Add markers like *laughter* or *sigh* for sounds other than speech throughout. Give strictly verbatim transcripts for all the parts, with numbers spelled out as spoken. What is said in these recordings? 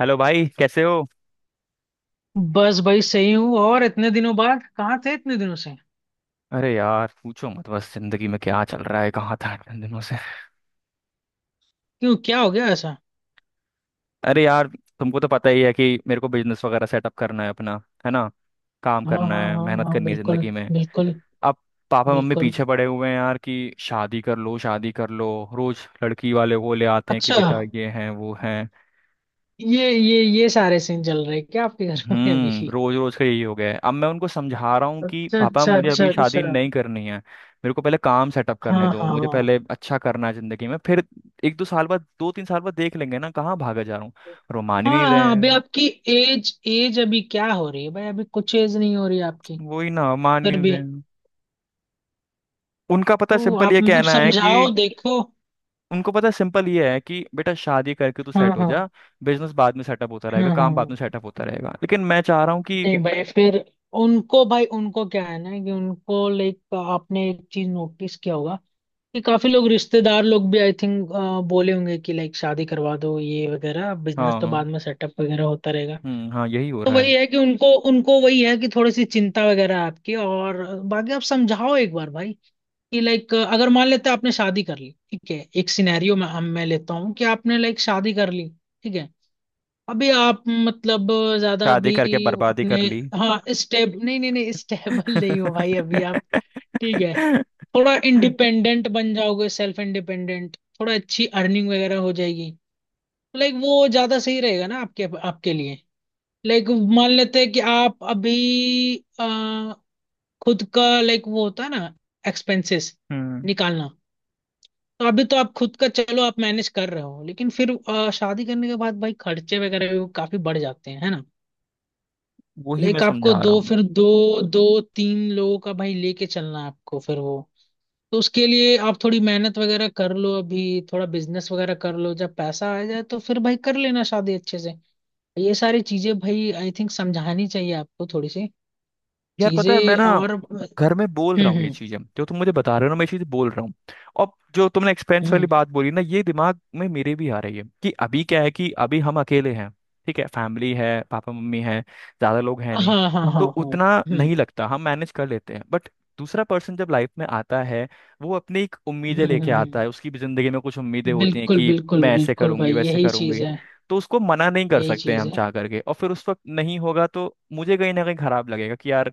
Hello भाई, कैसे हो। बस भाई सही हूँ। और इतने दिनों बाद कहाँ थे इतने दिनों से? अरे यार, पूछो मत। बस जिंदगी में क्या चल रहा है, कहाँ था इतने दिनों से। क्यों, क्या हो गया ऐसा? अरे यार, तुमको तो पता ही है कि मेरे को बिजनेस वगैरह सेटअप करना है अपना। है ना। काम हाँ करना हाँ है, हाँ मेहनत हाँ करनी है बिल्कुल। जिंदगी में। बिल्कुल अब पापा मम्मी बिल्कुल। पीछे पड़े हुए हैं यार कि शादी कर लो, शादी कर लो। रोज लड़की वाले वो ले आते हैं कि अच्छा। बेटा ये है, वो है। ये ये ये सारे सीन चल रहे हैं क्या आपके घर में अभी? हम्म रोज रोज का यही हो गया है। अब मैं उनको समझा रहा हूँ कि अच्छा पापा अच्छा मुझे अच्छा अभी अच्छा। शादी नहीं करनी है, मेरे को पहले काम सेटअप हाँ करने दो, हाँ मुझे हाँ। पहले अच्छा करना है जिंदगी में, फिर एक दो साल बाद दो तीन साल बाद देख लेंगे ना, कहाँ भागा जा रहा हूँ। और वो मान ही हाँ नहीं रहे हाँ, अभी हैं। आपकी एज एज अभी क्या हो रही है भाई? अभी कुछ एज नहीं हो रही आपकी। वही ना, मान फिर नहीं भी, रहे हैं। उनका पता तो सिंपल ये आप मतलब कहना है कि समझाओ, देखो। उनको पता सिंपल ये है कि बेटा शादी करके तू हाँ सेट हो हाँ जा। बिजनेस बाद में सेटअप होता रहेगा, हाँ काम बाद में हाँ। सेटअप होता रहेगा, लेकिन मैं चाह रहा हूँ कि। नहीं भाई, फिर उनको भाई उनको क्या है ना, कि उनको लाइक आपने एक चीज नोटिस किया होगा कि काफी लोग, रिश्तेदार लोग भी, आई थिंक बोले होंगे कि लाइक शादी करवा दो, ये वगैरह, बिजनेस तो हाँ। बाद में सेटअप वगैरह होता रहेगा। हम्म। हाँ, यही हो तो रहा वही है। है कि उनको उनको वही है कि थोड़ी सी चिंता वगैरह आपकी, और बाकी आप समझाओ एक बार भाई कि लाइक अगर मान लेते हैं आपने शादी कर ली, ठीक है, एक सिनेरियो में हम मैं लेता हूँ कि आपने लाइक शादी कर ली। ठीक है। अभी आप मतलब ज्यादा शादी भी करके बर्बादी अपने, कर ली। हाँ, स्टेब नहीं नहीं नहीं, स्टेबल *laughs* नहीं हो भाई अभी आप। ठीक है। *laughs* थोड़ा इंडिपेंडेंट बन जाओगे, सेल्फ इंडिपेंडेंट, थोड़ा अच्छी अर्निंग वगैरह हो जाएगी, लाइक वो ज्यादा सही रहेगा ना आपके आपके लिए। लाइक मान लेते हैं कि आप अभी अ, खुद का, लाइक वो होता है ना, एक्सपेंसेस हम्म निकालना। तो अभी तो आप खुद का चलो आप मैनेज कर रहे हो, लेकिन फिर अ, शादी करने के बाद भाई खर्चे वगैरह भी काफी बढ़ जाते हैं, है ना? वही मैं लाइक आपको समझा रहा दो हूँ। फिर दो दो तीन लोगों का भाई लेके चलना है आपको फिर वो, तो उसके लिए आप थोड़ी मेहनत वगैरह कर लो अभी, थोड़ा बिजनेस वगैरह कर लो, जब पैसा आ जाए तो फिर भाई कर लेना शादी अच्छे से। ये सारी चीजें भाई आई थिंक समझानी चाहिए आपको थोड़ी सी यार पता है, मैं चीजें, ना और हम्म। घर में बोल रहा हूँ ये हम्म चीजें जो तुम मुझे बता रहे हो ना, मैं ये चीजें बोल रहा हूँ। और जो तुमने एक्सपेंस वाली हम्म। बात बोली ना, ये दिमाग में मेरे भी आ रही है कि अभी क्या है कि अभी हम अकेले हैं। ठीक है, फैमिली है, पापा मम्मी है, ज्यादा लोग हैं नहीं। हाँ हाँ हाँ तो हाँ। उतना हम्म नहीं लगता, हम मैनेज कर लेते हैं, बट दूसरा पर्सन जब लाइफ में आता है, वो अपनी एक उम्मीदें हम्म हम्म लेके हम्म। आता है, उसकी भी जिंदगी में कुछ उम्मीदें होती हैं बिल्कुल कि बिल्कुल मैं ऐसे बिल्कुल भाई, करूंगी, वैसे यही चीज करूंगी। है। तो उसको मना नहीं कर यही सकते हैं चीज हम है। चाह करके, और फिर उस वक्त नहीं होगा तो मुझे कहीं ना कहीं खराब लगेगा कि यार,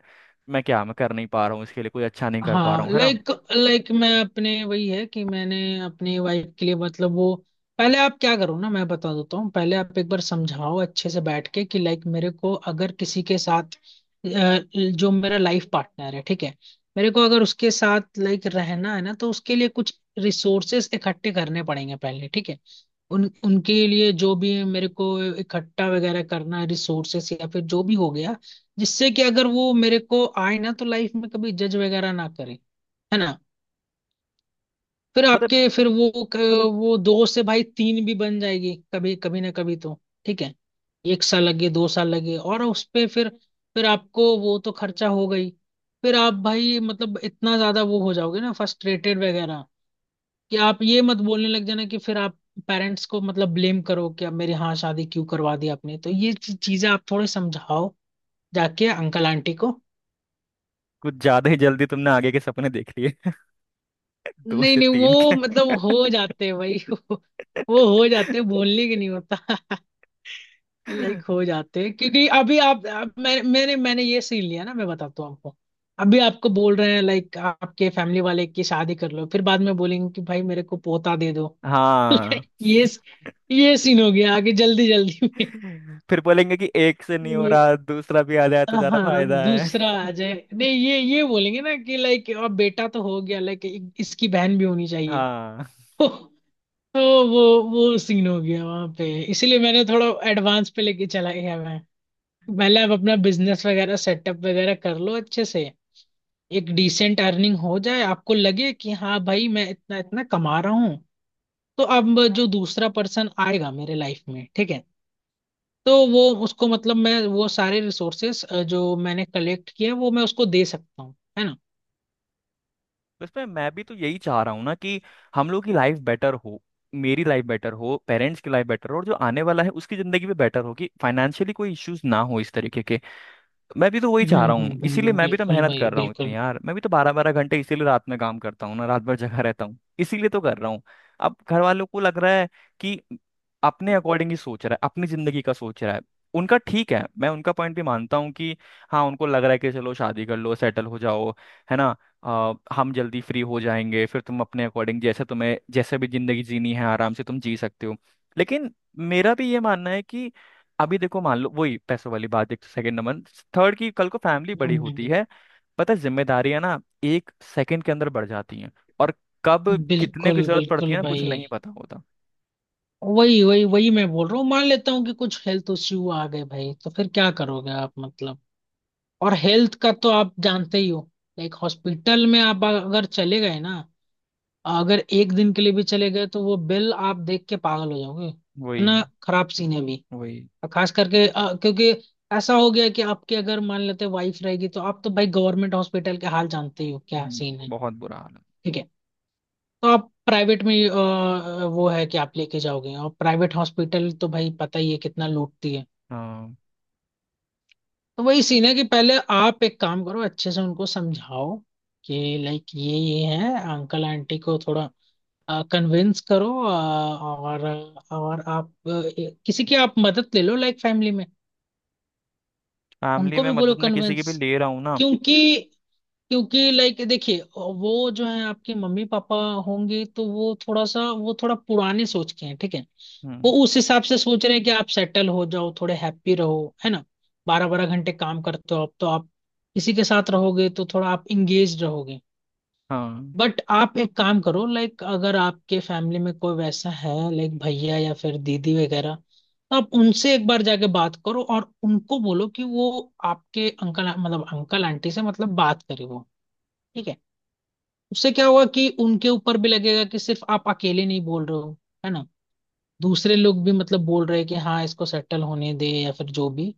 मैं क्या मैं कर नहीं पा रहा हूँ इसके लिए, कोई अच्छा नहीं कर पा रहा हाँ हूँ। है ना। लाइक, लाइक मैं अपने, वही है कि मैंने अपनी वाइफ के लिए, मतलब वो, पहले आप क्या करो ना, मैं बता देता हूँ, पहले आप एक बार समझाओ अच्छे से बैठ के कि लाइक मेरे को अगर किसी के साथ अ, जो मेरा लाइफ पार्टनर है, ठीक है, मेरे को अगर उसके साथ लाइक रहना है ना, तो उसके लिए कुछ रिसोर्सेस इकट्ठे करने पड़ेंगे पहले, ठीक है। उन उनके लिए जो भी मेरे को इकट्ठा वगैरह करना है, रिसोर्सेस या फिर जो भी हो गया, जिससे कि अगर वो मेरे को आए ना तो लाइफ में कभी जज वगैरह ना करे, है ना? फिर मतलब आपके, फिर वो क- वो दो से भाई तीन भी बन जाएगी कभी कभी, ना कभी तो, ठीक है, एक साल लगे, दो साल लगे, और उस पे फिर फिर आपको वो तो खर्चा हो गई, फिर आप भाई मतलब इतना ज्यादा वो हो जाओगे ना, फ्रस्ट्रेटेड वगैरह, कि आप ये मत बोलने लग जाना कि फिर आप पेरेंट्स को मतलब ब्लेम करो कि आप मेरी, हाँ, शादी क्यों करवा दी आपने, तो ये चीजें आप थोड़े समझाओ, जाके अंकल आंटी को। कुछ ज्यादा ही जल्दी तुमने आगे के सपने देख लिए। *laughs* दो नहीं से नहीं तीन वो के। मतलब हो जाते हैं भाई, वो, वो हो जाते हैं, बोलने के नहीं होता। *laughs* लाइक *laughs* हो जाते हैं, क्योंकि अभी आप, आप मैं, मैंने मैंने ये सीन लिया ना, मैं बताता हूँ आपको। अभी आपको बोल रहे हैं लाइक आपके फैमिली वाले की शादी कर लो, फिर बाद में बोलेंगे कि भाई मेरे को पोता दे दो। हाँ। ये ये सीन हो गया आगे, जल्दी जल्दी में। फिर बोलेंगे कि एक से नहीं हो ये रहा दूसरा भी आ जाए तो ज्यादा हाँ, फायदा है। दूसरा आ जाए, *laughs* नहीं, ये ये बोलेंगे ना कि लाइक अब बेटा तो हो गया, लाइक इसकी बहन भी होनी चाहिए। हाँ। *laughs* तो वो वो सीन हो गया वहां पे, इसीलिए मैंने थोड़ा एडवांस पे लेके चला गया मैं। पहले आप अपना बिजनेस वगैरह सेटअप वगैरह कर लो अच्छे से, एक डिसेंट अर्निंग हो जाए, आपको लगे कि हाँ भाई मैं इतना इतना कमा रहा हूँ, तो अब जो दूसरा पर्सन आएगा मेरे लाइफ में, ठीक है, तो वो उसको मतलब मैं वो सारे रिसोर्सेस जो मैंने कलेक्ट किया वो मैं उसको दे सकता हूँ, है ना? उसमें मैं भी तो यही चाह रहा हूँ ना कि हम लोग की लाइफ बेटर हो, मेरी लाइफ बेटर हो, पेरेंट्स की लाइफ बेटर हो, और जो आने वाला है उसकी जिंदगी भी बेटर हो कि फाइनेंशियली कोई इश्यूज ना हो इस तरीके के। मैं भी तो वही हम्म चाह रहा हूँ, हम्म इसीलिए हम्म, मैं भी तो बिल्कुल मेहनत भाई कर रहा हूँ इतनी बिल्कुल। यार, मैं भी तो बारह बारह घंटे इसीलिए रात में काम करता हूँ ना, रात भर जगा रहता हूँ, इसीलिए तो कर रहा हूँ। अब घर वालों को लग रहा है कि अपने अकॉर्डिंग ही सोच रहा है, अपनी जिंदगी का सोच रहा है। उनका ठीक है, मैं उनका पॉइंट भी मानता हूँ कि हाँ, उनको लग रहा है कि चलो शादी कर लो, सेटल हो जाओ। है ना। आ, हम जल्दी फ्री हो जाएंगे, फिर तुम अपने अकॉर्डिंग जैसे तुम्हें, जैसे भी जिंदगी जीनी है आराम से तुम जी सकते हो। लेकिन मेरा भी ये मानना है कि अभी देखो, मान लो वही पैसों वाली बात। एक, सेकंड नंबर, थर्ड की कल को फैमिली बड़ी हम्म, होती है। पता है जिम्मेदारियां ना एक सेकंड के अंदर बढ़ जाती हैं। और कब कितने की बिल्कुल जरूरत पड़ती बिल्कुल है ना, कुछ भाई। नहीं पता होता। वही वही वही मैं बोल रहा हूँ, मान लेता हूँ कि कुछ हेल्थ इश्यू आ गए भाई, तो फिर क्या करोगे आप मतलब? और हेल्थ का तो आप जानते ही हो, लाइक हॉस्पिटल में आप अगर चले गए ना, अगर एक दिन के लिए भी चले गए तो वो बिल आप देख के पागल हो जाओगे, वही। इतना खराब सीन है अभी। वही। और खास करके अ, क्योंकि ऐसा हो गया कि आपकी अगर मान लेते वाइफ रहेगी, तो आप तो भाई गवर्नमेंट हॉस्पिटल के हाल जानते ही हो क्या हम्म। सीन है। बहुत बुरा हाल है। ठीक है। तो आप प्राइवेट में अ, वो है कि आप लेके जाओगे, और प्राइवेट हॉस्पिटल तो भाई पता ही है कितना लूटती है। हाँ। तो वही सीन है कि पहले आप एक काम करो, अच्छे से उनको समझाओ कि लाइक ये ये है, अंकल आंटी को थोड़ा कन्विंस करो, अ, और और आप अ, किसी की आप मदद ले लो लाइक फैमिली में। फैमिली उनको में भी बोलो मदद में किसी की कन्विंस, भी ले रहा हूँ ना। क्योंकि क्योंकि लाइक देखिए, वो जो है आपके मम्मी पापा होंगे, तो वो थोड़ा सा वो थोड़ा पुराने सोच के हैं, ठीक है। वो हम्म। उस हिसाब से सोच रहे हैं कि आप सेटल हो जाओ, थोड़े हैप्पी रहो, है ना? बारह बारह घंटे काम करते हो आप, तो आप किसी के साथ रहोगे तो थोड़ा आप इंगेज रहोगे। हाँ। बट आप एक काम करो, लाइक अगर आपके फैमिली में कोई वैसा है लाइक भैया या फिर दीदी वगैरह, तो आप उनसे एक बार जाके बात करो और उनको बोलो कि वो आपके अंकल, मतलब अंकल आंटी से मतलब बात करे वो, ठीक है। उससे क्या हुआ कि उनके ऊपर भी लगेगा कि सिर्फ आप अकेले नहीं बोल रहे हो, है ना? दूसरे लोग भी मतलब बोल रहे हैं कि हाँ इसको सेटल होने दे या फिर जो भी,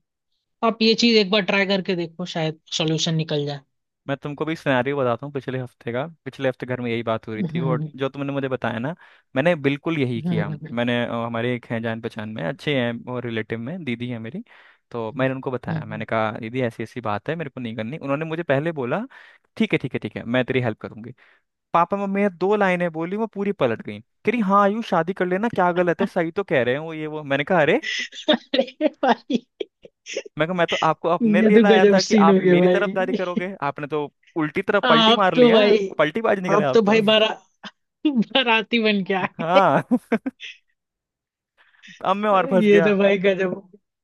आप ये चीज एक बार ट्राई करके देखो, शायद सॉल्यूशन निकल जाए। मैं तुमको भी सिनेरियो बताता हूँ पिछले हफ्ते का। पिछले हफ्ते घर में यही बात हो रही हम्म थी, और हम्म जो तुमने मुझे बताया ना, मैंने बिल्कुल यही हम्म किया। हम्म, मैंने अ, हमारे एक हैं जान पहचान में, अच्छे हैं, और रिलेटिव में दीदी है मेरी। तो मैंने उनको हम्म, बताया, मैंने हम्म। कहा दीदी ऐसी ऐसी बात है, मेरे को नहीं करनी। उन्होंने मुझे पहले बोला ठीक है, ठीक है, ठीक है, मैं तेरी हेल्प करूंगी। पापा मम्मी ने दो लाइनें बोली, वो पूरी पलट गई। कह रही हाँ आयु शादी कर लेना क्या गलत है, सही तो कह रहे हैं वो, ये वो। मैंने कहा अरे, अरे भाई, मैं कहा मैं तो आपको अपने ये लिए तो लाया गजब था कि सीन हो आप गया मेरी तरफदारी भाई। करोगे, आपने तो उल्टी तरफ पलटी आप मार ली तो है। भाई, पलटीबाज निकले आप आप तो तो। भाई बारा बाराती बन के आए। हाँ। *laughs* अब मैं और फंस ये गया। तो भाई गजब,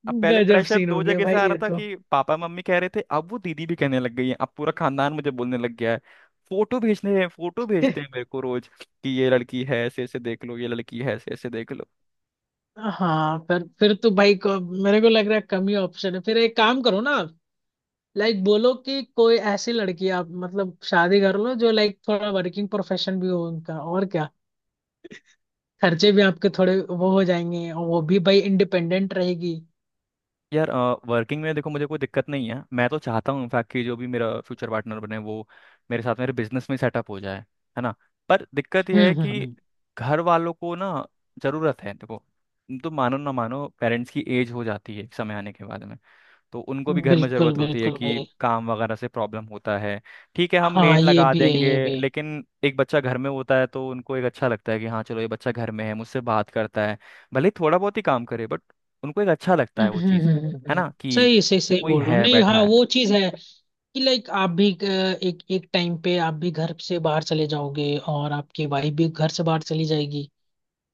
अब पहले गजब प्रेशर सीन हो दो गया जगह से भाई आ रहा ये था तो। कि पापा मम्मी कह रहे थे, अब वो दीदी भी कहने लग गई है, अब पूरा खानदान मुझे बोलने लग गया है। फोटो भेजने हैं, फोटो भेजते हैं मेरे को रोज कि ये लड़की है ऐसे ऐसे देख लो, ये लड़की है ऐसे ऐसे देख लो। हाँ, पर फिर तो भाई को मेरे को लग रहा है कम ही ऑप्शन है, फिर एक काम करो ना, लाइक बोलो कि कोई ऐसी लड़की आप मतलब शादी कर लो जो लाइक थोड़ा वर्किंग प्रोफेशन भी हो उनका, और क्या, खर्चे भी आपके थोड़े वो हो जाएंगे और वो भी भाई इंडिपेंडेंट रहेगी। यार वर्किंग में देखो मुझे कोई दिक्कत नहीं है, मैं तो चाहता हूँ इनफैक्ट कि जो भी मेरा फ्यूचर पार्टनर बने वो मेरे साथ मेरे बिजनेस में सेटअप हो जाए। है ना। पर दिक्कत यह है हम्म कि हम्म घर वालों को ना जरूरत है देखो। तुम तो मानो ना मानो, पेरेंट्स की एज हो जाती है एक समय आने के बाद में, तो उनको भी हम्म, घर में बिल्कुल ज़रूरत होती है बिल्कुल कि भाई। काम वगैरह से प्रॉब्लम होता है। ठीक है, हम हाँ मेड ये लगा भी है, देंगे। ये भी। लेकिन एक बच्चा घर में होता है तो उनको एक अच्छा लगता है कि हाँ चलो ये बच्चा घर में है, मुझसे बात करता है, भले ही थोड़ा बहुत ही काम करे, बट उनको एक अच्छा लगता हम्म है वो हम्म, चीज़। हम्म, हम्म, हम्म, हम्म, है हम्म। ना कि सही सही सही कोई बोल रहे हो, है, नहीं हाँ बैठा है। वो चीज है कि लाइक आप भी अ, एक एक टाइम पे आप भी घर से बाहर चले जाओगे और आपकी वाइफ भी घर से बाहर चली जाएगी,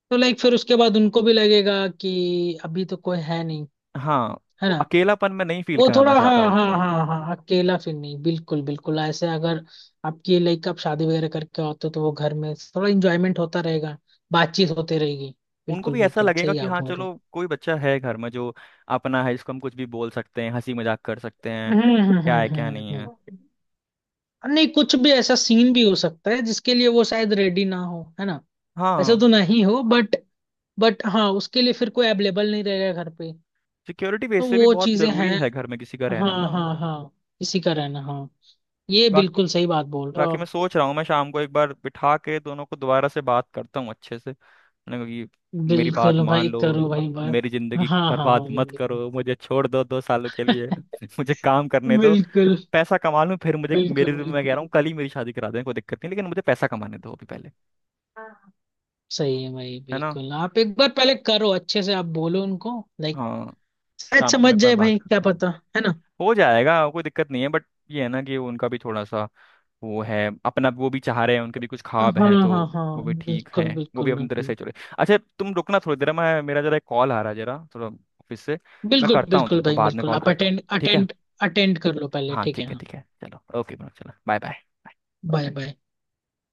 तो लाइक फिर उसके बाद उनको भी लगेगा कि अभी तो कोई है नहीं, हाँ, है वो ना? अकेलापन में नहीं फील वो थोड़ा, कराना चाहता हाँ हाँ उनको। हाँ हाँ, अकेला फिर नहीं, बिल्कुल बिल्कुल, ऐसे अगर आपकी लाइक आप शादी वगैरह करके होते हो तो वो घर में थोड़ा इंजॉयमेंट होता रहेगा, बातचीत होते रहेगी। उनको बिल्कुल भी ऐसा बिल्कुल लगेगा सही कि आप हाँ बोल रहे हो। चलो कोई बच्चा है घर में, जो अपना है, जिसको हम कुछ भी बोल सकते हैं, हंसी मजाक कर सकते हैं। हम्म हम्म क्या है, क्या हम्म नहीं हम्म है। हम्म। नहीं कुछ भी ऐसा सीन भी हो सकता है जिसके लिए वो शायद रेडी ना हो, है ना? ऐसा हाँ। तो नहीं हो बट बट हाँ उसके लिए फिर कोई अवेलेबल नहीं रहेगा घर पे, सिक्योरिटी बेस तो से भी वो बहुत चीजें जरूरी हैं। है घर में किसी का रहना हाँ ना। हाँ हाँ, इसी का रहना, हाँ, ये बा, बिल्कुल सही बात बोल रहे हो बाकी मैं आप। सोच रहा हूँ, मैं शाम को एक बार बिठा के दोनों को दोबारा से बात करता हूँ अच्छे से। मैंने कहा कि मेरी बात बिल्कुल मान भाई, लो, करो भाई बात। मेरी हाँ जिंदगी हाँ बर्बाद हाँ मत बिल्कुल। करो, मुझे छोड़ दो दो सालों के लिए। *laughs* *laughs* मुझे काम करने दो, बिल्कुल। पैसा कमा लूँ फिर। मुझे मेरी बिल्कुल मैं कह बिल्कुल। रहा हूँ कल ही मेरी शादी करा दें, कोई दिक्कत नहीं, लेकिन मुझे पैसा कमाने दो अभी पहले। सही है भाई, है ना। बिल्कुल, आप एक बार पहले करो अच्छे से, आप बोलो उनको लाइक, हाँ, शायद शाम को समझ मैं एक बार जाए बात भाई, क्या करता हूँ। पता, है ना? हो जाएगा, कोई दिक्कत नहीं है, बट ये है ना कि उनका भी थोड़ा सा वो है, अपना वो भी चाह रहे हैं, उनके भी कुछ ख्वाब हाँ हैं तो। हाँ हाँ वो भी ठीक बिल्कुल हैं, वो भी बिल्कुल अपनी तरह बिल्कुल। से चले। अच्छा तुम रुकना थोड़ी देर, मैं मेरा जरा एक कॉल आ रहा है जरा, थोड़ा ऑफिस से। मैं बिल्कुल करता हूँ, बिल्कुल तुमको भाई बाद में बिल्कुल, कॉल आप करता हूँ, अटेंड ठीक है। अटेंड, अटेंड कर लो पहले हाँ ठीक है, ठीक है, हाँ। ठीक है, चलो, ओके, चलो, बाय बाय। Bye bye.